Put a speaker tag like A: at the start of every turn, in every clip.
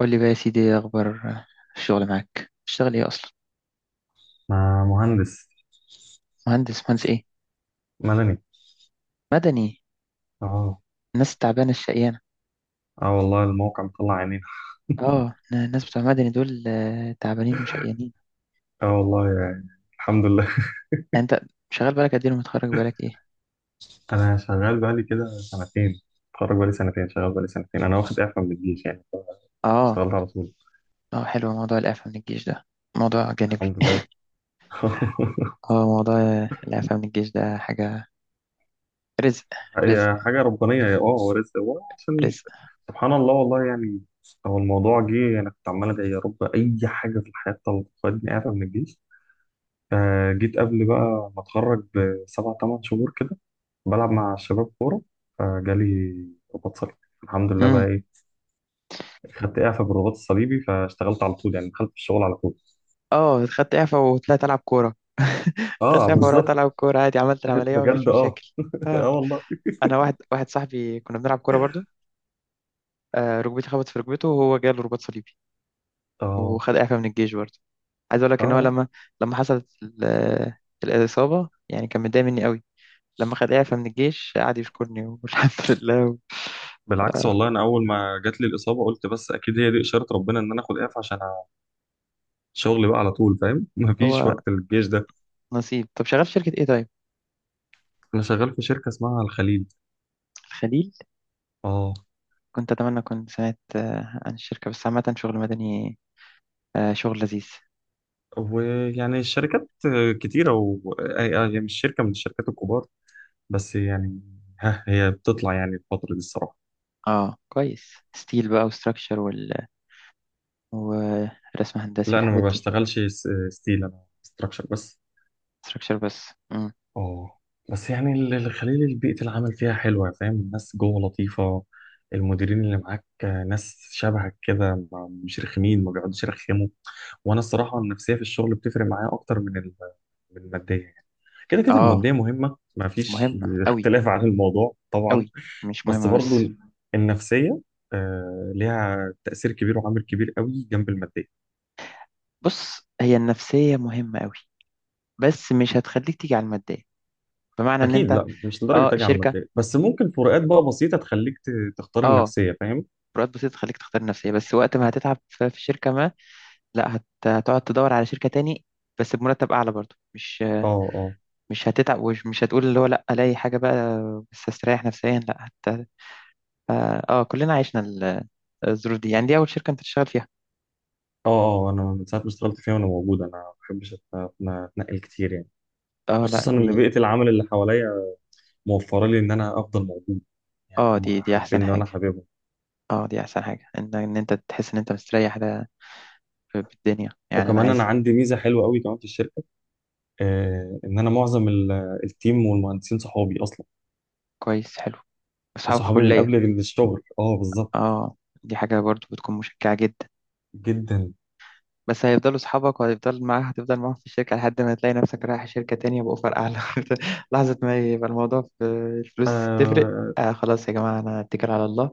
A: قول لي بقى يا سيدي ايه اخبار الشغل معاك؟ بتشتغل ايه اصلا؟
B: مع مهندس
A: مهندس ايه؟
B: مدني.
A: مدني؟
B: اه،
A: الناس التعبانه الشقيانه.
B: اه، والله الموقع مطلع عينين.
A: اه الناس بتوع مدني دول تعبانين وشقيانين.
B: اه والله يعني، الحمد لله.
A: يعني انت شغال بالك قد ايه ومتخرج بالك ايه؟
B: انا شغال بقالي كده سنتين، اتخرج بقالي سنتين شغال بقالي سنتين، انا واخد اعفاء من الجيش يعني،
A: اه.
B: اشتغلت على طول،
A: اه حلو، موضوع الاعفاء من الجيش ده موضوع جانبي.
B: الحمد لله.
A: اه، موضوع الاعفاء من الجيش ده حاجه، رزق، رزق،
B: هي حاجه ربانيه، يا اه هو رزق، هو عشان
A: رزق.
B: سبحان الله والله يعني. هو الموضوع جه، انا كنت عمال ادعي يا رب اي حاجه في الحياه تاخدني اعفاء من الجيش. آه، جيت قبل بقى ما اتخرج بسبع ثمان شهور كده، بلعب مع الشباب كورة، فجالي رباط صليبي، الحمد لله بقى
A: امم
B: ايه. خدت اعفاء بالرباط الصليبي فاشتغلت على طول يعني، دخلت في الشغل على طول.
A: اه خدت اعفاء وطلعت العب كوره خدت
B: اه
A: اعفاء ورحت
B: بالظبط.
A: العب كوره عادي، عملت العمليه
B: بجد
A: ومفيش
B: اه.
A: مشاكل.
B: اه
A: اه
B: والله.
A: انا واحد واحد صاحبي كنا بنلعب كوره برضو، ركبتي خبطت في ركبته وهو جاله رباط صليبي
B: اه
A: وخد إعفاء من الجيش برضه. عايز أقول لك إن هو
B: اه
A: لما لما حصلت ال- الإصابة يعني كان متضايق مني قوي. لما خد إعفاء من الجيش قعد يشكرني والحمد لله.
B: بالعكس والله، انا اول ما جات لي الاصابه قلت بس اكيد هي دي اشاره ربنا ان انا اخد اعفاء عشان الشغل بقى على طول، فاهم؟ مفيش
A: هو
B: وقت للجيش ده.
A: نصيب. طب شغال في شركة إيه طيب؟
B: انا شغال في شركه اسمها الخليل.
A: الخليل.
B: اه،
A: كنت أتمنى، كنت سمعت عن الشركة، بس عامة شغل مدني، شغل لذيذ.
B: ويعني الشركات كتيره و... آه، آه، يعني مش شركه من الشركات الكبار، بس يعني ها هي بتطلع يعني الفتره دي الصراحه.
A: اه كويس، ستيل بقى وستراكشر ورسم هندسي
B: لا انا ما
A: والحاجات دي.
B: بشتغلش ستيل، انا ستراكشر بس.
A: ستراكشر بس. مم.
B: اه، بس يعني الخليل بيئة العمل فيها حلوة، فاهم؟ الناس جوه لطيفة، المديرين اللي معاك ناس شبهك كده، مش رخمين، ما بيقعدوش يرخموا. وانا الصراحة النفسية في الشغل بتفرق معايا اكتر من من المادية يعني. كده كده
A: اه
B: المادية مهمة، ما فيش
A: مهمة أوي.
B: اختلاف عن الموضوع طبعا،
A: أوي، مش
B: بس
A: مهمة
B: برضو
A: بس.
B: النفسية آه، ليها تأثير كبير وعامل كبير قوي جنب المادية.
A: بص هي النفسية مهمة قوي، بس مش هتخليك تيجي على المادية، بمعنى ان
B: اكيد
A: انت.
B: لا، مش لدرجه
A: اه
B: تاجي على
A: شركة.
B: الماديه، بس ممكن فروقات بقى بسيطه تخليك تختار
A: اه،
B: النفسيه، فاهم؟
A: فروقات بسيطة تخليك تختار النفسية، بس وقت ما هتتعب في شركة ما، لا هت... هتقعد تدور على شركة تاني بس بمرتب اعلى برضه، مش
B: اه اه
A: هتتعب ومش مش هتقول اللي هو لا، الاقي حاجة بقى بس استريح نفسيا، لا هت... اه كلنا عشنا الظروف دي. يعني دي اول شركة انت تشتغل فيها؟
B: اه اه، انا من ساعه ما اشتغلت فيها وانا موجود، انا ما بحبش اتنقل كتير يعني.
A: اه لا
B: خصوصا
A: دي.
B: ان بيئه العمل اللي حواليا موفره لي ان انا افضل موجود، يعني
A: اه، دي
B: هم
A: دي احسن
B: حابيني وانا
A: حاجة،
B: حاببهم.
A: اه دي احسن حاجة ان انت تحس ان انت مستريح، ده في الدنيا يعني. انا
B: وكمان انا
A: عايز.
B: عندي ميزه حلوه قوي كمان في الشركه، آه ان انا معظم التيم والمهندسين صحابي اصلا،
A: كويس، حلو. أصحاب
B: صحابي من
A: كلية.
B: قبل الشغل، اه بالظبط.
A: اه دي حاجة برضو بتكون مشجعة جدا.
B: جدا.
A: بس هيفضلوا أصحابك وهيفضل معاها، هتفضل معاهم في الشركة لحد ما تلاقي نفسك رايح شركة تانية بأوفر أعلى لحظة ما يبقى الموضوع في الفلوس تفرق.
B: آه،
A: آه خلاص يا جماعة، أنا أتكل على الله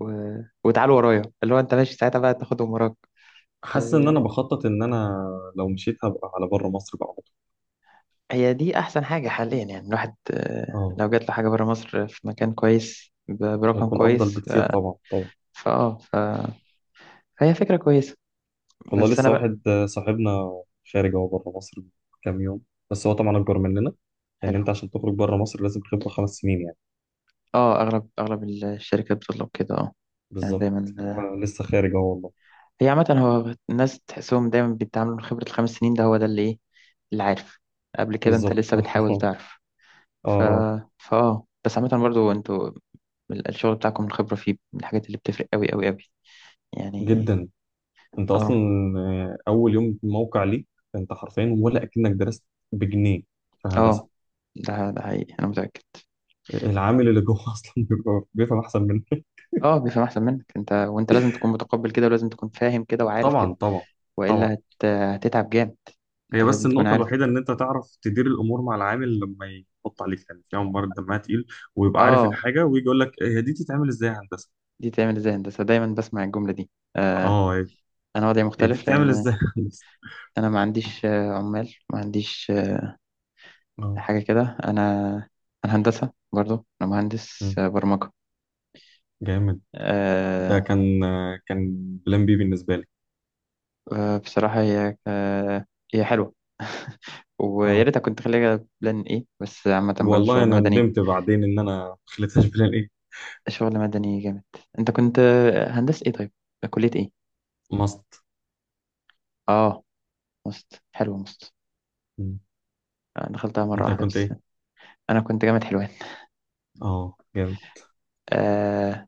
A: و... وتعالوا ورايا، اللي هو أنت ماشي ساعتها بقى تاخدهم وراك.
B: حاسس ان انا
A: ت-
B: بخطط ان انا لو مشيت هبقى على بره مصر بقى على طول.
A: هي دي أحسن حاجة حاليا، يعني الواحد
B: اه
A: لو جات له حاجة برا مصر في مكان كويس برقم
B: هيكون افضل
A: كويس،
B: بكتير، طبعا طبعا.
A: فأه ف... فهي فكرة كويسة.
B: والله
A: بس أنا
B: لسه
A: بقى.
B: واحد آه، صاحبنا خارج هو بره مصر من كام يوم، بس هو طبعا اكبر مننا، لان
A: حلو.
B: انت عشان تخرج بره مصر لازم خبره 5 سنين يعني.
A: اه، اغلب الشركات بتطلب كده اه. يعني
B: بالظبط،
A: دايما
B: هو لسه خارج اهو والله.
A: هي عامة هو الناس تحسهم دايما بيتعاملوا من خبرة الخمس سنين، ده هو ده اللي ايه، اللي عارف. قبل كده انت
B: بالظبط.
A: لسه بتحاول
B: اه
A: تعرف. ف
B: اه
A: فاه بس عامة برضو انتوا الشغل بتاعكم الخبرة فيه من الحاجات اللي بتفرق قوي قوي قوي يعني.
B: جدا. انت اصلا
A: اه
B: آه، اول يوم موقع ليك، انت حرفيا ولا اكنك درست بجنيه في هندسه.
A: اه، ده ده حقيقي، انا متأكد.
B: العامل اللي جوه اصلا بيبقى بيفهم احسن منك.
A: اه بيفهم احسن منك انت، وانت لازم تكون متقبل كده، ولازم تكون فاهم كده وعارف كده،
B: طبعا طبعا طبعا.
A: هتتعب جامد.
B: هي
A: انت
B: بس
A: لازم تكون
B: النقطة
A: عارف.
B: الوحيدة إن أنت تعرف تدير الأمور مع العامل، لما يحط عليك يعني في عمال دمها تقيل، ويبقى عارف
A: اه
B: الحاجة ويجي يقول لك هي دي تتعمل إزاي يا هندسة؟
A: دي تعمل ازاي هندسة، دايما بسمع الجملة دي. آه،
B: أه هي،
A: انا وضعي
B: هي دي
A: مختلف
B: تتعمل
A: لان
B: إزاي يا هندسة؟
A: انا ما عنديش عمال، ما عنديش
B: أه.
A: حاجة كده. انا انا هندسة برضو، انا مهندس
B: مم.
A: برمجة.
B: جامد. ده
A: آه.
B: كان بلان بي بالنسبة لي.
A: بصراحة هي هي حلوة ويا
B: أه
A: ريت كنت خليها بلان ايه. بس عامة برضو
B: والله
A: شغل
B: أنا
A: مدني.
B: ندمت بعدين إن أنا ما خليتهاش بلان إيه؟
A: شغل مدني جامد. انت كنت هندسة ايه طيب، كلية ايه؟
B: ماست.
A: اه مست، حلوة مست.
B: مم.
A: دخلتها مرة
B: أنت
A: واحدة
B: كنت
A: بس.
B: إيه؟
A: انا كنت جامعة حلوان.
B: أه جامد.
A: آه.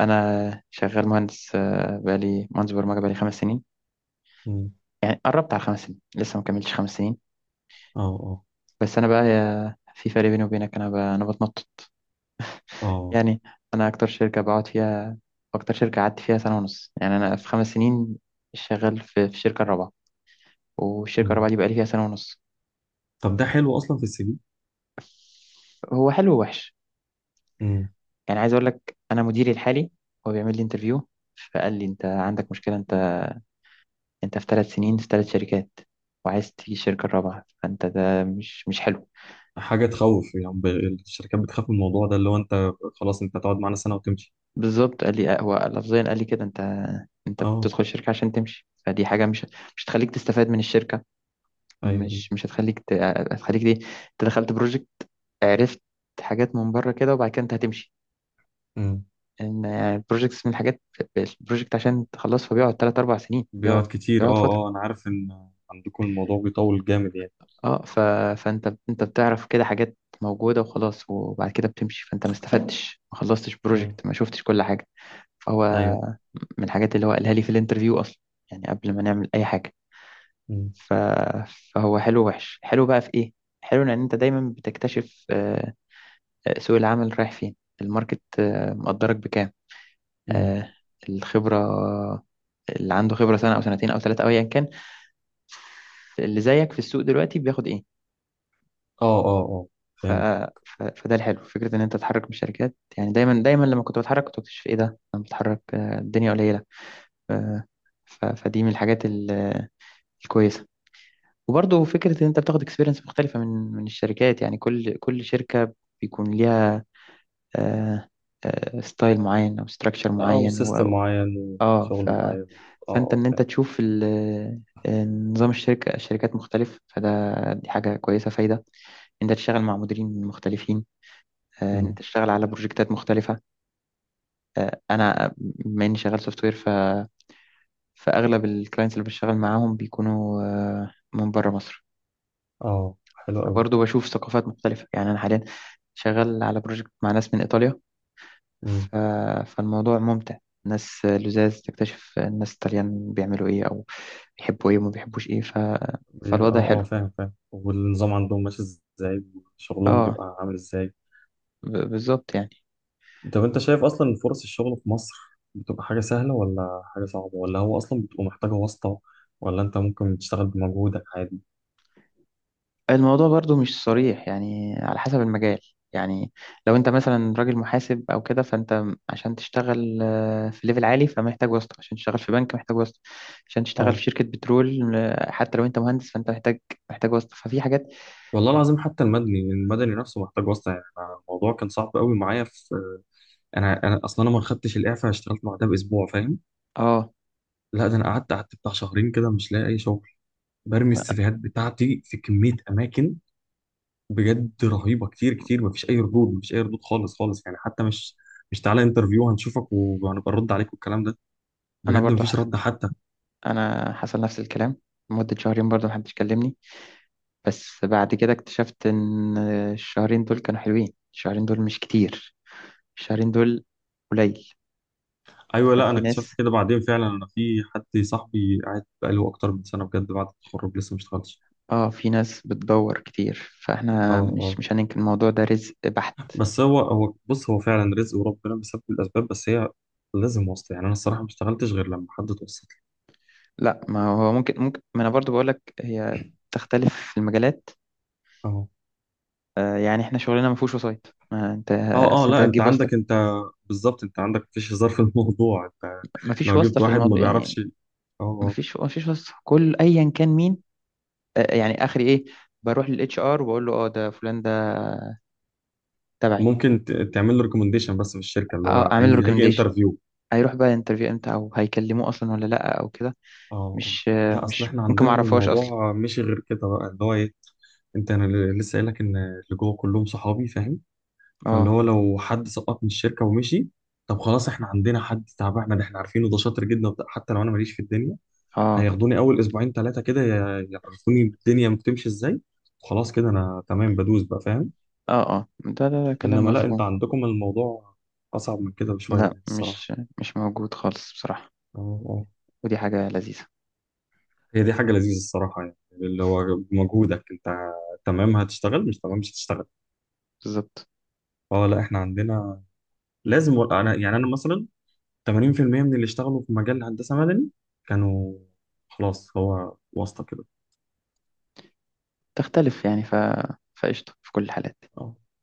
A: انا شغال مهندس بقالي مهندس برمجه بقالي 5 سنين،
B: مم.
A: يعني قربت على 5 سنين، لسه ما كملتش 5 سنين.
B: أه أه
A: بس انا بقى في فرق بيني وبينك، انا انا بتنطط
B: أه.
A: يعني. انا اكتر شركه بقعد فيها، اكتر شركه قعدت فيها 1.5 سنه، يعني انا في 5 سنين شغال في الشركه الرابعه، والشركه
B: مم.
A: الرابعه دي بقالي فيها 1.5 سنه.
B: طب ده حلو أصلا في السي
A: هو حلو ووحش،
B: في.
A: يعني عايز اقول لك انا مديري الحالي هو بيعمل لي انترفيو، فقال لي انت عندك مشكله، انت في 3 سنين في 3 شركات، وعايز تيجي الشركة الرابعة، فانت ده مش حلو.
B: حاجه تخوف يعني، الشركات بتخاف من الموضوع ده، اللي هو انت خلاص انت هتقعد معانا سنه وتمشي.
A: بالظبط قال لي هو لفظيا، قال لي كده انت
B: اه
A: بتدخل الشركة عشان تمشي، فدي حاجة مش هتخليك تستفاد من الشركة،
B: ايوه.
A: مش مش هتخليك ت... هتخليك دي انت دخلت بروجكت، عرفت حاجات من بره كده، وبعد كده انت هتمشي.
B: امم.
A: ان البروجكتس من الحاجات، البروجكت عشان تخلصها بيقعد 3 أو 4 سنين، بيقعد
B: بيقعد كتير
A: بيقعد
B: اه.
A: فترة.
B: اه انا عارف ان عندكم الموضوع بيطول جامد يعني.
A: اه ف... فانت انت بتعرف كده حاجات موجودة وخلاص، وبعد كده بتمشي، فانت ما استفدتش، ما خلصتش
B: امم
A: بروجكت، ما شفتش كل حاجة. فهو
B: ايوه
A: من الحاجات اللي هو قالها لي في الانترفيو اصلا، يعني قبل ما نعمل اي حاجة.
B: امم
A: ف... فهو حلو ووحش. حلو بقى في ايه، حلو ان انت دايما بتكتشف سوق العمل رايح فين، الماركت مقدرك بكام،
B: امم.
A: آه، الخبرة اللي عنده خبرة سنة او سنتين او ثلاثة او ايا كان، اللي زيك في السوق دلوقتي بياخد ايه.
B: اه اه اه.
A: ف...
B: فهمت.
A: فده الحلو، فكرة إن أنت تتحرك بالشركات، يعني دايما دايما لما كنت بتحرك كنت بكتشف إيه ده، أنا بتحرك الدنيا قليلة. آه، فدي من الحاجات ال... آه، الكويسة. وبرضه فكرة إن أنت بتاخد اكسبيرينس مختلفة من الشركات، يعني كل شركة بيكون ليها آه، ستايل معين أو ستراكشر
B: اه
A: معين
B: وسيستم معين،
A: آه
B: وشغل معين. اه
A: فأنت
B: اه
A: إن أنت
B: فاهم.
A: تشوف ال... آه، نظام الشركة، الشركات مختلف، فده دي حاجة كويسة فايدة إن أنت تشتغل مع مديرين مختلفين، ان انت
B: امم.
A: تشتغل على بروجكتات مختلفه. انا بما اني شغال سوفت وير، فاغلب الكلاينتس اللي بشتغل معاهم بيكونوا من بره مصر،
B: اه حلو قوي.
A: فبرضه بشوف ثقافات مختلفه. يعني انا حاليا شغال على بروجكت مع ناس من ايطاليا.
B: امم.
A: ف... فالموضوع ممتع، ناس لزاز، تكتشف الناس الطليان بيعملوا ايه، او بيحبوا ايه وما بيحبوش ايه. فالوضع
B: اه اه
A: حلو.
B: فاهم فاهم، والنظام عندهم ماشي ازاي؟ وشغلهم
A: اه
B: بيبقى عامل ازاي؟
A: بالظبط يعني.
B: طب انت شايف اصلا فرص الشغل في مصر بتبقى حاجة سهلة ولا حاجة صعبة، ولا هو اصلا بتبقى محتاجة واسطة، ولا انت ممكن تشتغل بمجهودك عادي؟
A: الموضوع برضو مش صريح، يعني على حسب المجال. يعني لو انت مثلا راجل محاسب او كده، فانت عشان تشتغل في ليفل عالي، فمحتاج واسطة، عشان تشتغل في بنك محتاج واسطة، عشان تشتغل في
B: اه
A: شركة بترول حتى لو انت مهندس فانت محتاج واسطة. ففي حاجات.
B: والله العظيم، حتى المدني، المدني نفسه محتاج واسطة يعني. أنا الموضوع كان صعب قوي معايا في، انا اصلا انا ما خدتش الاعفاء، اشتغلت بعدها باسبوع، فاهم؟
A: اه
B: لا ده انا قعدت بتاع شهرين كده مش لاقي اي شغل، برمي السيفيهات بتاعتي في كمية اماكن بجد رهيبة كتير كتير. مفيش اي ردود، مفيش اي ردود خالص خالص، يعني حتى مش تعالى انترفيو هنشوفك وهنبقى نرد عليك والكلام ده.
A: انا
B: بجد
A: برضو
B: مفيش
A: حصل،
B: رد حتى.
A: انا حصل نفس الكلام، مدة شهرين برضو محدش كلمني. بس بعد كده اكتشفت ان الشهرين دول كانوا حلوين، الشهرين دول مش كتير، الشهرين دول قليل.
B: ايوه لا انا
A: ففي
B: اكتشفت
A: ناس،
B: كده بعدين فعلا، انا في حد صاحبي قاعد بقاله اكتر من سنه بجد بعد التخرج لسه ما اشتغلش.
A: اه في ناس بتدور كتير،
B: اه
A: فاحنا مش
B: اه،
A: مش هننكر الموضوع، ده رزق بحت.
B: بس هو بص هو فعلا رزق، وربنا بيسبب الاسباب، بس هي لازم واسطه يعني. انا الصراحه ما اشتغلتش غير لما حد توسط لي.
A: لا، ما هو ممكن ما انا برضو بقولك هي تختلف في المجالات.
B: اه
A: آه يعني احنا شغلنا ما فيهوش وسايط، ما انت
B: اه
A: اصل
B: اه،
A: انت
B: لا انت
A: هتجيب واسطه؟
B: عندك انت. بالظبط انت عندك مفيش هزار في الموضوع، انت
A: ما فيش
B: لو
A: واسطه
B: جبت
A: في
B: واحد ما
A: الموضوع يعني،
B: بيعرفش، اه
A: ما
B: آه.
A: فيش ما فيش واسطه، كل ايا كان مين. آه يعني اخري ايه، بروح للاتش ار وبقول له اه ده فلان ده تبعي،
B: ممكن تعمل له ريكومنديشن بس في الشركه اللي
A: اه
B: هو
A: اعمل له
B: هيجي
A: ريكومنديشن.
B: انترفيو.
A: هيروح بقى انترفيو امتى، او هيكلموه اصلا ولا لا، او كده
B: اه آه.
A: مش، آه
B: لا اصل
A: مش
B: احنا
A: ممكن، ما
B: عندنا
A: اعرفهاش اصلا.
B: الموضوع مش غير كده بقى اللي هو ايه، انت انا لسه قايل لك ان اللي جوه كلهم صحابي، فاهم؟ فاللي
A: اه
B: هو لو حد سقط من الشركه ومشي، طب خلاص احنا عندنا حد تعبان، احنا عارفينه ده شاطر جدا وبتاع، حتى لو انا ماليش في الدنيا
A: اه
B: هياخدوني اول اسبوعين ثلاثه كده يعرفوني الدنيا بتمشي ازاي، وخلاص كده انا تمام بدوس بقى، فاهم؟
A: اه. اه ده كلام
B: انما لا انت
A: مفهوم.
B: عندكم الموضوع اصعب من كده بشويه
A: لا
B: يعني الصراحه.
A: مش موجود خالص بصراحة،
B: اه آه.
A: ودي حاجة لذيذة.
B: هي دي حاجة لذيذة الصراحة، يعني اللي هو بمجهودك انت، تمام هتشتغل، مش تمام مش هتشتغل.
A: بالظبط.
B: اه لا احنا عندنا لازم، انا يعني انا مثلا 80% من اللي اشتغلوا في مجال هندسة مدني كانوا خلاص هو واسطة كده.
A: تختلف يعني، فقشطة في كل الحالات.
B: اه